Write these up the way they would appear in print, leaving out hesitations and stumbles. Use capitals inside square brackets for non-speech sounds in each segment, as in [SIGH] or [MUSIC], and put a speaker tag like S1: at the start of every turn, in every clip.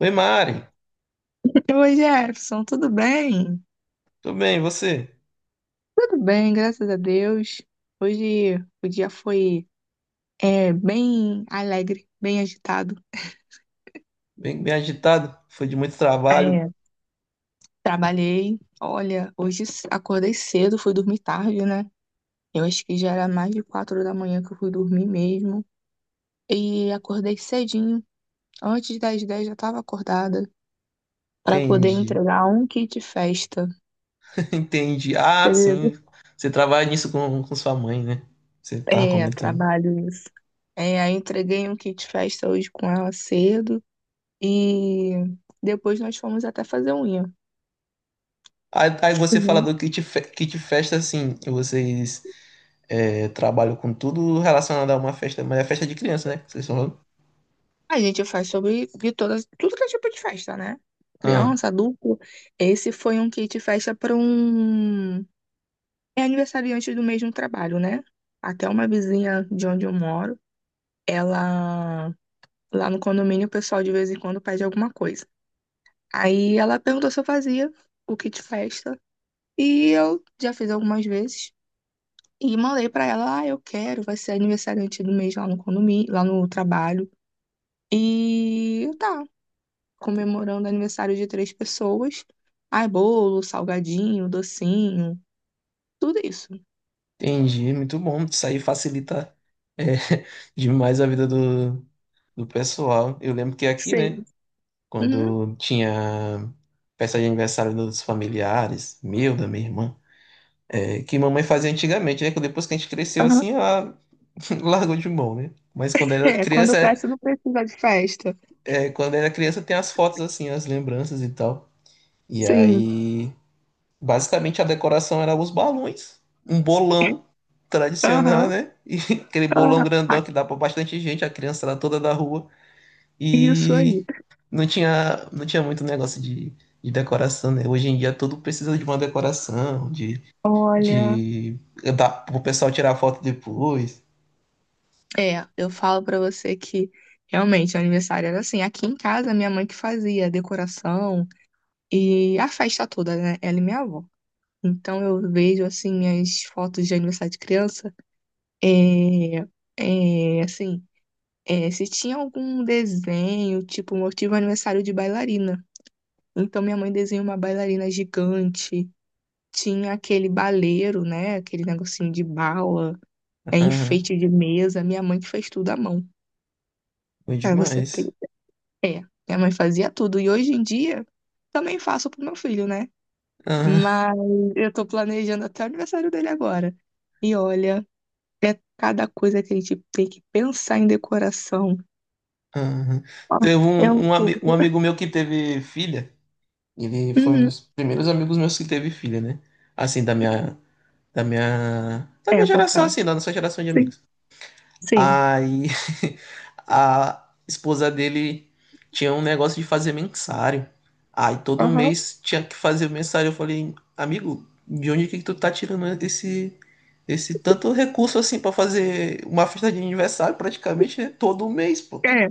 S1: Oi, Mari.
S2: Oi, Jefferson, tudo bem?
S1: Tudo bem, e você?
S2: Tudo bem, graças a Deus. Hoje o dia foi bem alegre, bem agitado.
S1: Bem, bem agitado? Foi de muito trabalho?
S2: É, trabalhei, olha, hoje acordei cedo, fui dormir tarde, né? Eu acho que já era mais de 4 da manhã que eu fui dormir mesmo. E acordei cedinho, antes das 10 já estava acordada, para poder
S1: Entendi.
S2: entregar um kit festa.
S1: [LAUGHS] Entendi. Ah,
S2: Cedo.
S1: sim. Você trabalha nisso com sua mãe, né? Você tava
S2: É,
S1: comentando.
S2: trabalho isso. É, aí entreguei um kit festa hoje com ela cedo. E depois nós fomos até fazer unha.
S1: Aí você fala
S2: Uhum.
S1: do kit, kit festa, assim. Vocês trabalham com tudo relacionado a uma festa, mas é festa de criança, né? Vocês falaram?
S2: A gente faz sobre de todas, tudo que é tipo de festa, né?
S1: Ah,
S2: Criança, adulto. Esse foi um kit festa para um aniversariante do mesmo trabalho, né? Até uma vizinha de onde eu moro, ela lá no condomínio o pessoal de vez em quando pede alguma coisa. Aí ela perguntou se eu fazia o kit festa e eu já fiz algumas vezes. E mandei pra ela, ah, eu quero, vai ser aniversariante do mês lá no condomínio, lá no trabalho. E tá, comemorando aniversário de três pessoas. Ai, bolo, salgadinho, docinho, tudo isso.
S1: entendi. Muito bom. Isso aí facilita é, [LAUGHS] demais a vida do pessoal. Eu lembro que aqui, né?
S2: Sim. Uhum.
S1: Quando tinha festa de aniversário dos familiares, da minha irmã, que mamãe fazia antigamente, né? Que depois que a gente cresceu
S2: Aham.
S1: assim, ela [LAUGHS] largou de mão, né? Mas
S2: É, quando cresce não precisa de festa.
S1: quando era criança tem as fotos assim, as lembranças e tal. E
S2: Sim.
S1: aí, basicamente a decoração era os balões, um bolão tradicional,
S2: Aham.
S1: né? E [LAUGHS] aquele bolão
S2: Aham. Ah,
S1: grandão que dá pra bastante gente, a criança lá toda da rua.
S2: isso aí.
S1: E não tinha muito negócio de decoração, né? Hoje em dia tudo precisa de uma decoração, de,
S2: Olha.
S1: de dá pro pessoal tirar foto depois.
S2: É, eu falo pra você que realmente o aniversário era assim. Aqui em casa, minha mãe que fazia a decoração e a festa toda, né? Ela e minha avó. Então eu vejo assim minhas fotos de aniversário de criança. É, assim, se tinha algum desenho, tipo, eu tive um aniversário de bailarina. Então minha mãe desenhou uma bailarina gigante, tinha aquele baleiro, né? Aquele negocinho de bala,
S1: Aham,
S2: enfeite de mesa. Minha mãe que fez tudo à mão.
S1: foi
S2: Pra você
S1: demais.
S2: ter. É, minha mãe fazia tudo. E hoje em dia também faço pro meu filho, né?
S1: Aham,
S2: Mas eu tô planejando até o aniversário dele agora. E olha, é cada coisa que a gente tem que pensar em decoração.
S1: aham.
S2: Nossa,
S1: Teve
S2: é um
S1: um
S2: suco.
S1: amigo meu que teve filha. Ele foi um
S2: Uhum.
S1: dos primeiros amigos meus que teve filha, né? Assim, da
S2: É,
S1: minha geração,
S2: botar.
S1: assim, da nossa geração de
S2: Sim,
S1: amigos.
S2: sim.
S1: Aí [LAUGHS] a esposa dele tinha um negócio de fazer mensário. Aí todo
S2: Aham.
S1: mês tinha que fazer mensário. Eu falei, amigo, de onde que tu tá tirando esse tanto recurso assim pra fazer uma festa de aniversário praticamente né, todo mês, pô?
S2: É,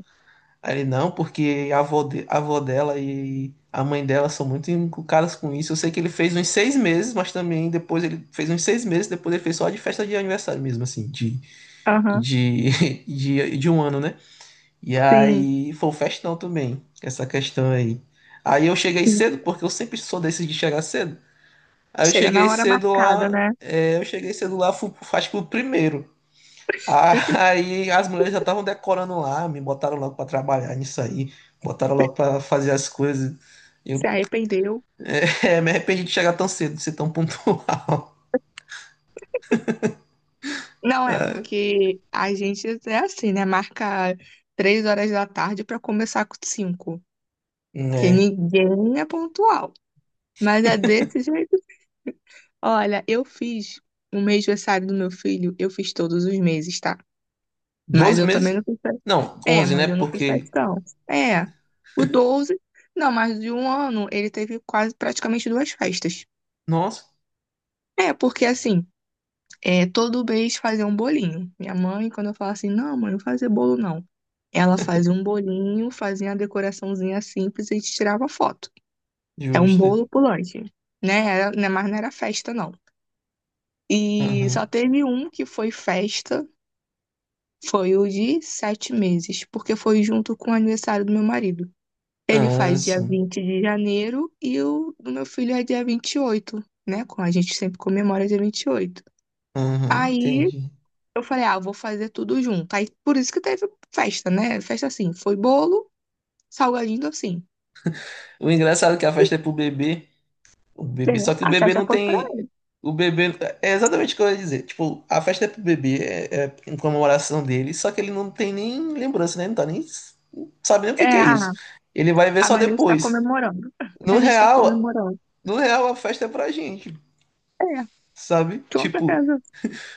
S1: Aí ele, não, porque a avó dela e a mãe dela são muito encucadas com isso. Eu sei que ele fez uns 6 meses, mas também depois ele fez uns 6 meses, depois ele fez só de festa de aniversário mesmo, assim,
S2: aham.
S1: de, [LAUGHS] de 1 ano, né? E
S2: Sim,
S1: aí foi um festão também, essa questão aí. Aí eu cheguei
S2: sim.
S1: cedo, porque eu sempre sou desses de chegar cedo. Aí eu
S2: Chega
S1: cheguei
S2: na hora
S1: cedo
S2: marcada,
S1: lá,
S2: né?
S1: é, eu cheguei cedo lá, fui, acho que o primeiro. [LAUGHS] Ah,
S2: [LAUGHS]
S1: aí as mulheres já estavam decorando lá, me botaram logo pra trabalhar nisso aí, botaram logo pra fazer as coisas.
S2: Se
S1: Eu
S2: arrependeu.
S1: [LAUGHS] me arrependi de chegar tão cedo, de ser tão pontual. [LAUGHS]
S2: Não é, porque a gente é assim, né? Marca 3 horas da tarde pra começar com 5. Porque
S1: É,
S2: ninguém é pontual. Mas é desse jeito. Olha, eu fiz o mês aniversário do meu filho, eu fiz todos os meses, tá? Mas
S1: 12
S2: eu também
S1: meses?
S2: não fiz.
S1: Não,
S2: É,
S1: 11,
S2: mas
S1: né?
S2: eu não fiz
S1: Porque,
S2: festão. É, o 12, não, mas de um ano ele teve quase praticamente duas festas.
S1: nossa,
S2: É, porque assim, todo mês fazia um bolinho. Minha mãe, quando eu falo assim, não, mãe, não fazer bolo não. Ela fazia um bolinho, fazia uma decoraçãozinha simples e a gente tirava foto. É um
S1: justo.
S2: bolo pulante, né? Era, né, mas não era festa, não. E só teve um que foi festa, foi o de 7 meses, porque foi junto com o aniversário do meu marido. Ele
S1: Ah,
S2: faz dia
S1: sim.
S2: 20 de janeiro e o do meu filho é dia 28, né? Com a gente sempre comemora dia 28.
S1: Aham,
S2: Aí
S1: entendi.
S2: eu falei, ah, eu vou fazer tudo junto. Aí por isso que teve festa, né? Festa assim, foi bolo, salgadinho, docinho.
S1: O engraçado é que a festa é pro bebê, o
S2: É,
S1: bebê, só que o
S2: a
S1: bebê
S2: festa
S1: não
S2: foi pra.
S1: tem. O bebê. É exatamente o que eu ia dizer. Tipo, a festa é pro bebê, é em comemoração dele, só que ele não tem nem lembrança, né? Não tá nem. Não sabe nem o que
S2: É,
S1: que é isso. Ele vai ver só
S2: mas a gente tá
S1: depois.
S2: comemorando.
S1: No
S2: A gente tá
S1: real,
S2: comemorando.
S1: no real, a festa é pra gente,
S2: É,
S1: sabe?
S2: com
S1: Tipo,
S2: certeza.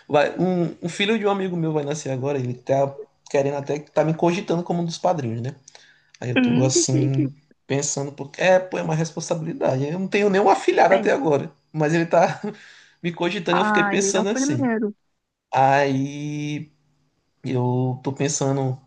S1: vai, um filho de um amigo meu vai nascer agora, ele tá querendo até. Tá me cogitando como um dos padrinhos, né? Aí eu tô
S2: Que chique.
S1: assim, pensando, porque é, pô, é uma responsabilidade. Eu não tenho nenhum afilhado até
S2: É.
S1: agora, mas ele tá [LAUGHS] me cogitando, e eu fiquei
S2: Ai, é o
S1: pensando assim.
S2: primeiro.
S1: Aí eu tô pensando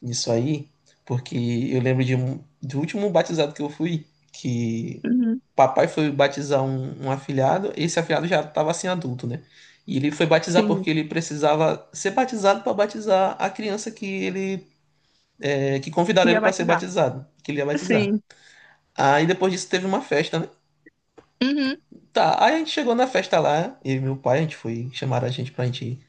S1: nisso aí, porque eu lembro do último batizado que eu fui, que
S2: Uhum,
S1: papai foi batizar um afilhado, esse afilhado já tava assim adulto, né? E ele foi batizar
S2: sim.
S1: porque ele precisava ser batizado para batizar a criança que convidaram ele
S2: Ia
S1: para ser
S2: batizar.
S1: batizado, que ele ia batizar.
S2: Sim.
S1: Aí depois disso teve uma festa, né?
S2: Uhum,
S1: Tá, aí a gente chegou na festa lá, eu e meu pai, a gente foi, chamaram a gente pra gente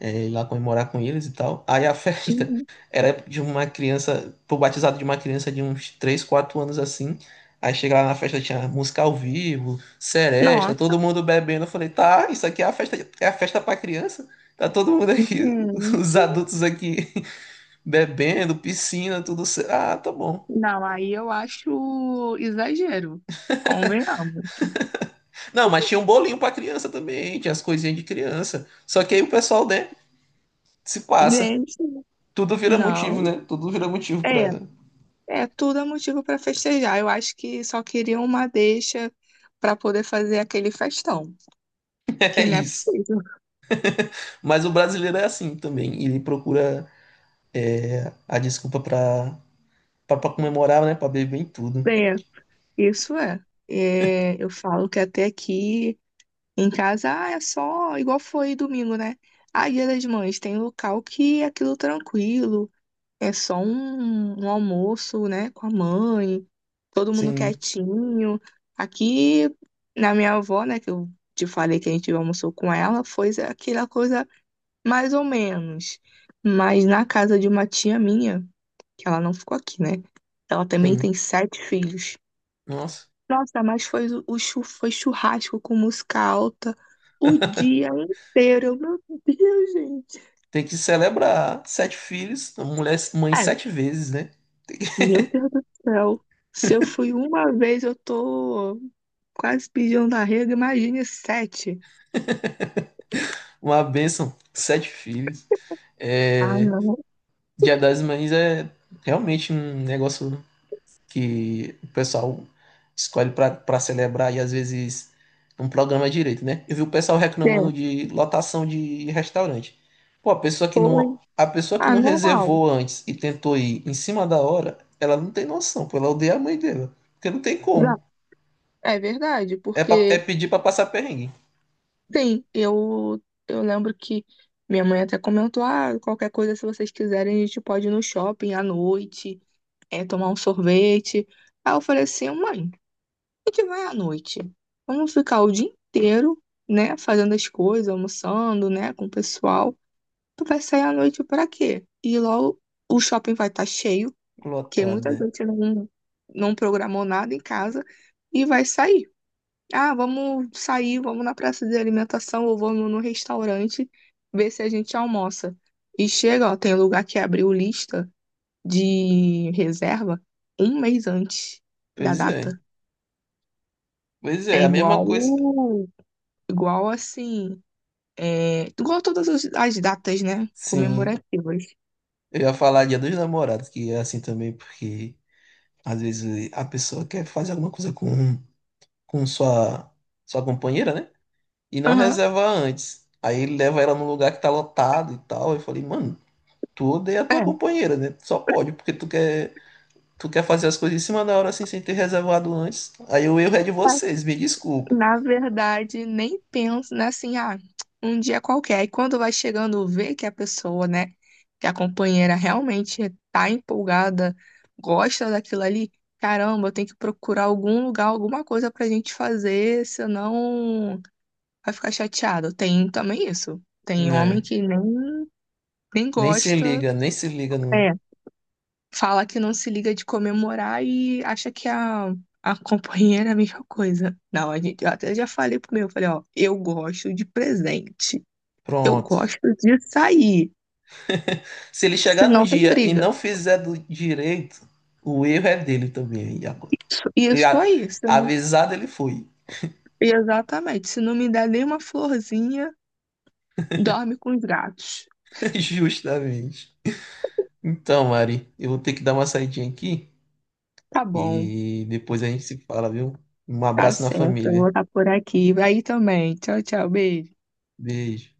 S1: ir lá comemorar com eles e tal. Aí a festa
S2: uhum.
S1: [LAUGHS] era de uma criança, pro batizado de uma criança de uns 3, 4 anos assim. Aí chega lá na festa, tinha música ao vivo, seresta, todo
S2: Nossa.
S1: mundo bebendo. Eu falei, tá, isso aqui é a festa pra criança? Tá todo mundo aqui, [LAUGHS] os
S2: Gente,
S1: adultos aqui [LAUGHS] bebendo, piscina, tudo certo. Ah, tá bom.
S2: não, aí eu acho exagero, convenhamos.
S1: Não, mas tinha um bolinho pra criança também, tinha as coisinhas de criança. Só que aí o pessoal, né, se passa.
S2: Gente,
S1: Tudo vira motivo,
S2: não,
S1: né? Tudo vira motivo pra.
S2: é,
S1: [LAUGHS]
S2: tudo é motivo para festejar. Eu acho que só queria uma deixa para poder fazer aquele festão, que
S1: É
S2: não é
S1: isso.
S2: possível.
S1: Mas o brasileiro é assim também. Ele procura a desculpa pra comemorar, né? Pra beber em tudo.
S2: É, isso é. É, eu falo que até aqui em casa, é só igual foi domingo, né? Ah, Dia das Mães, tem local que é aquilo tranquilo. É só um almoço, né, com a mãe, todo mundo
S1: Sim,
S2: quietinho. Aqui na minha avó, né, que eu te falei que a gente almoçou com ela, foi aquela coisa mais ou menos. Mas na casa de uma tia minha, que ela não ficou aqui, né? Ela também
S1: sim.
S2: tem sete filhos.
S1: Nossa.
S2: Nossa, mas foi churrasco com música alta o dia
S1: [LAUGHS]
S2: inteiro. Meu Deus, gente.
S1: Tem que celebrar sete filhos, mulher, mãe sete vezes, né?
S2: Meu Deus do céu. Se eu fui uma vez, eu tô quase pedindo arrego, imagine sete.
S1: Uma bênção, sete filhos.
S2: Ah,
S1: É,
S2: não.
S1: Dia das Mães é realmente um negócio que o pessoal escolhe para pra celebrar e às vezes não programa direito, né? Eu vi o pessoal
S2: É,
S1: reclamando de lotação de restaurante. Pô,
S2: foi.
S1: a pessoa que
S2: Ah,
S1: não reservou antes e tentou ir em cima da hora, ela não tem noção, pô, ela odeia a mãe dela, porque não tem
S2: não,
S1: como.
S2: é verdade,
S1: É
S2: porque,
S1: pedir para passar perrengue.
S2: sim, eu lembro que minha mãe até comentou, ah, qualquer coisa, se vocês quiserem, a gente pode ir no shopping à noite, tomar um sorvete. Aí eu falei assim, mãe, a gente vai à noite. Vamos ficar o dia inteiro, né, fazendo as coisas, almoçando, né, com o pessoal. Tu vai sair à noite pra quê? E logo o shopping vai estar cheio, porque muita
S1: Lotada.
S2: gente não programou nada em casa e vai sair. Ah, vamos sair, vamos na praça de alimentação ou vamos no restaurante ver se a gente almoça. E chega, ó, tem lugar que abriu lista de reserva um mês antes da
S1: Pois é.
S2: data.
S1: Pois
S2: É
S1: é, a mesma
S2: igual,
S1: coisa.
S2: assim, igual todas as datas, né?
S1: Sim,
S2: Comemorativas.
S1: eu ia falar Dia dos Namorados, que é assim também, porque às vezes a pessoa quer fazer alguma coisa com sua companheira, né? E não
S2: Aham.
S1: reserva antes. Aí ele leva ela num lugar que tá lotado e tal. Eu falei, mano, tu odeia a tua
S2: É.
S1: companheira, né? Só pode, porque tu quer fazer as coisas em cima da hora assim, sem ter reservado antes. Aí o erro é de vocês, me desculpa,
S2: Na verdade, nem penso, né? Assim, um dia qualquer. E quando vai chegando, vê que a pessoa, né, que a companheira realmente tá empolgada, gosta daquilo ali, caramba, eu tenho que procurar algum lugar, alguma coisa pra gente fazer, senão vai ficar chateado. Tem também isso. Tem homem
S1: né?
S2: que nem
S1: Nem se
S2: gosta.
S1: liga, nem se liga no.
S2: É, fala que não se liga de comemorar e acha que a companheira é a mesma coisa. Não, a gente, eu até já falei pro meu, falei, ó, eu gosto de presente, eu
S1: Pronto.
S2: gosto de sair,
S1: [LAUGHS] Se ele chegar num
S2: senão tem
S1: dia e
S2: briga.
S1: não fizer do direito, o erro é dele também. E agora?
S2: Isso,
S1: E
S2: isso
S1: a-
S2: aí, se não-
S1: avisado ele foi,
S2: exatamente. Se não me der nenhuma florzinha, dorme com os gatos.
S1: [LAUGHS] justamente. Então, Mari, eu vou ter que dar uma saidinha aqui
S2: Tá bom,
S1: e depois a gente se fala, viu? Um
S2: tá
S1: abraço na
S2: certo, eu vou
S1: família.
S2: estar por aqui. Aí também. Tchau, tchau, beijo.
S1: Beijo.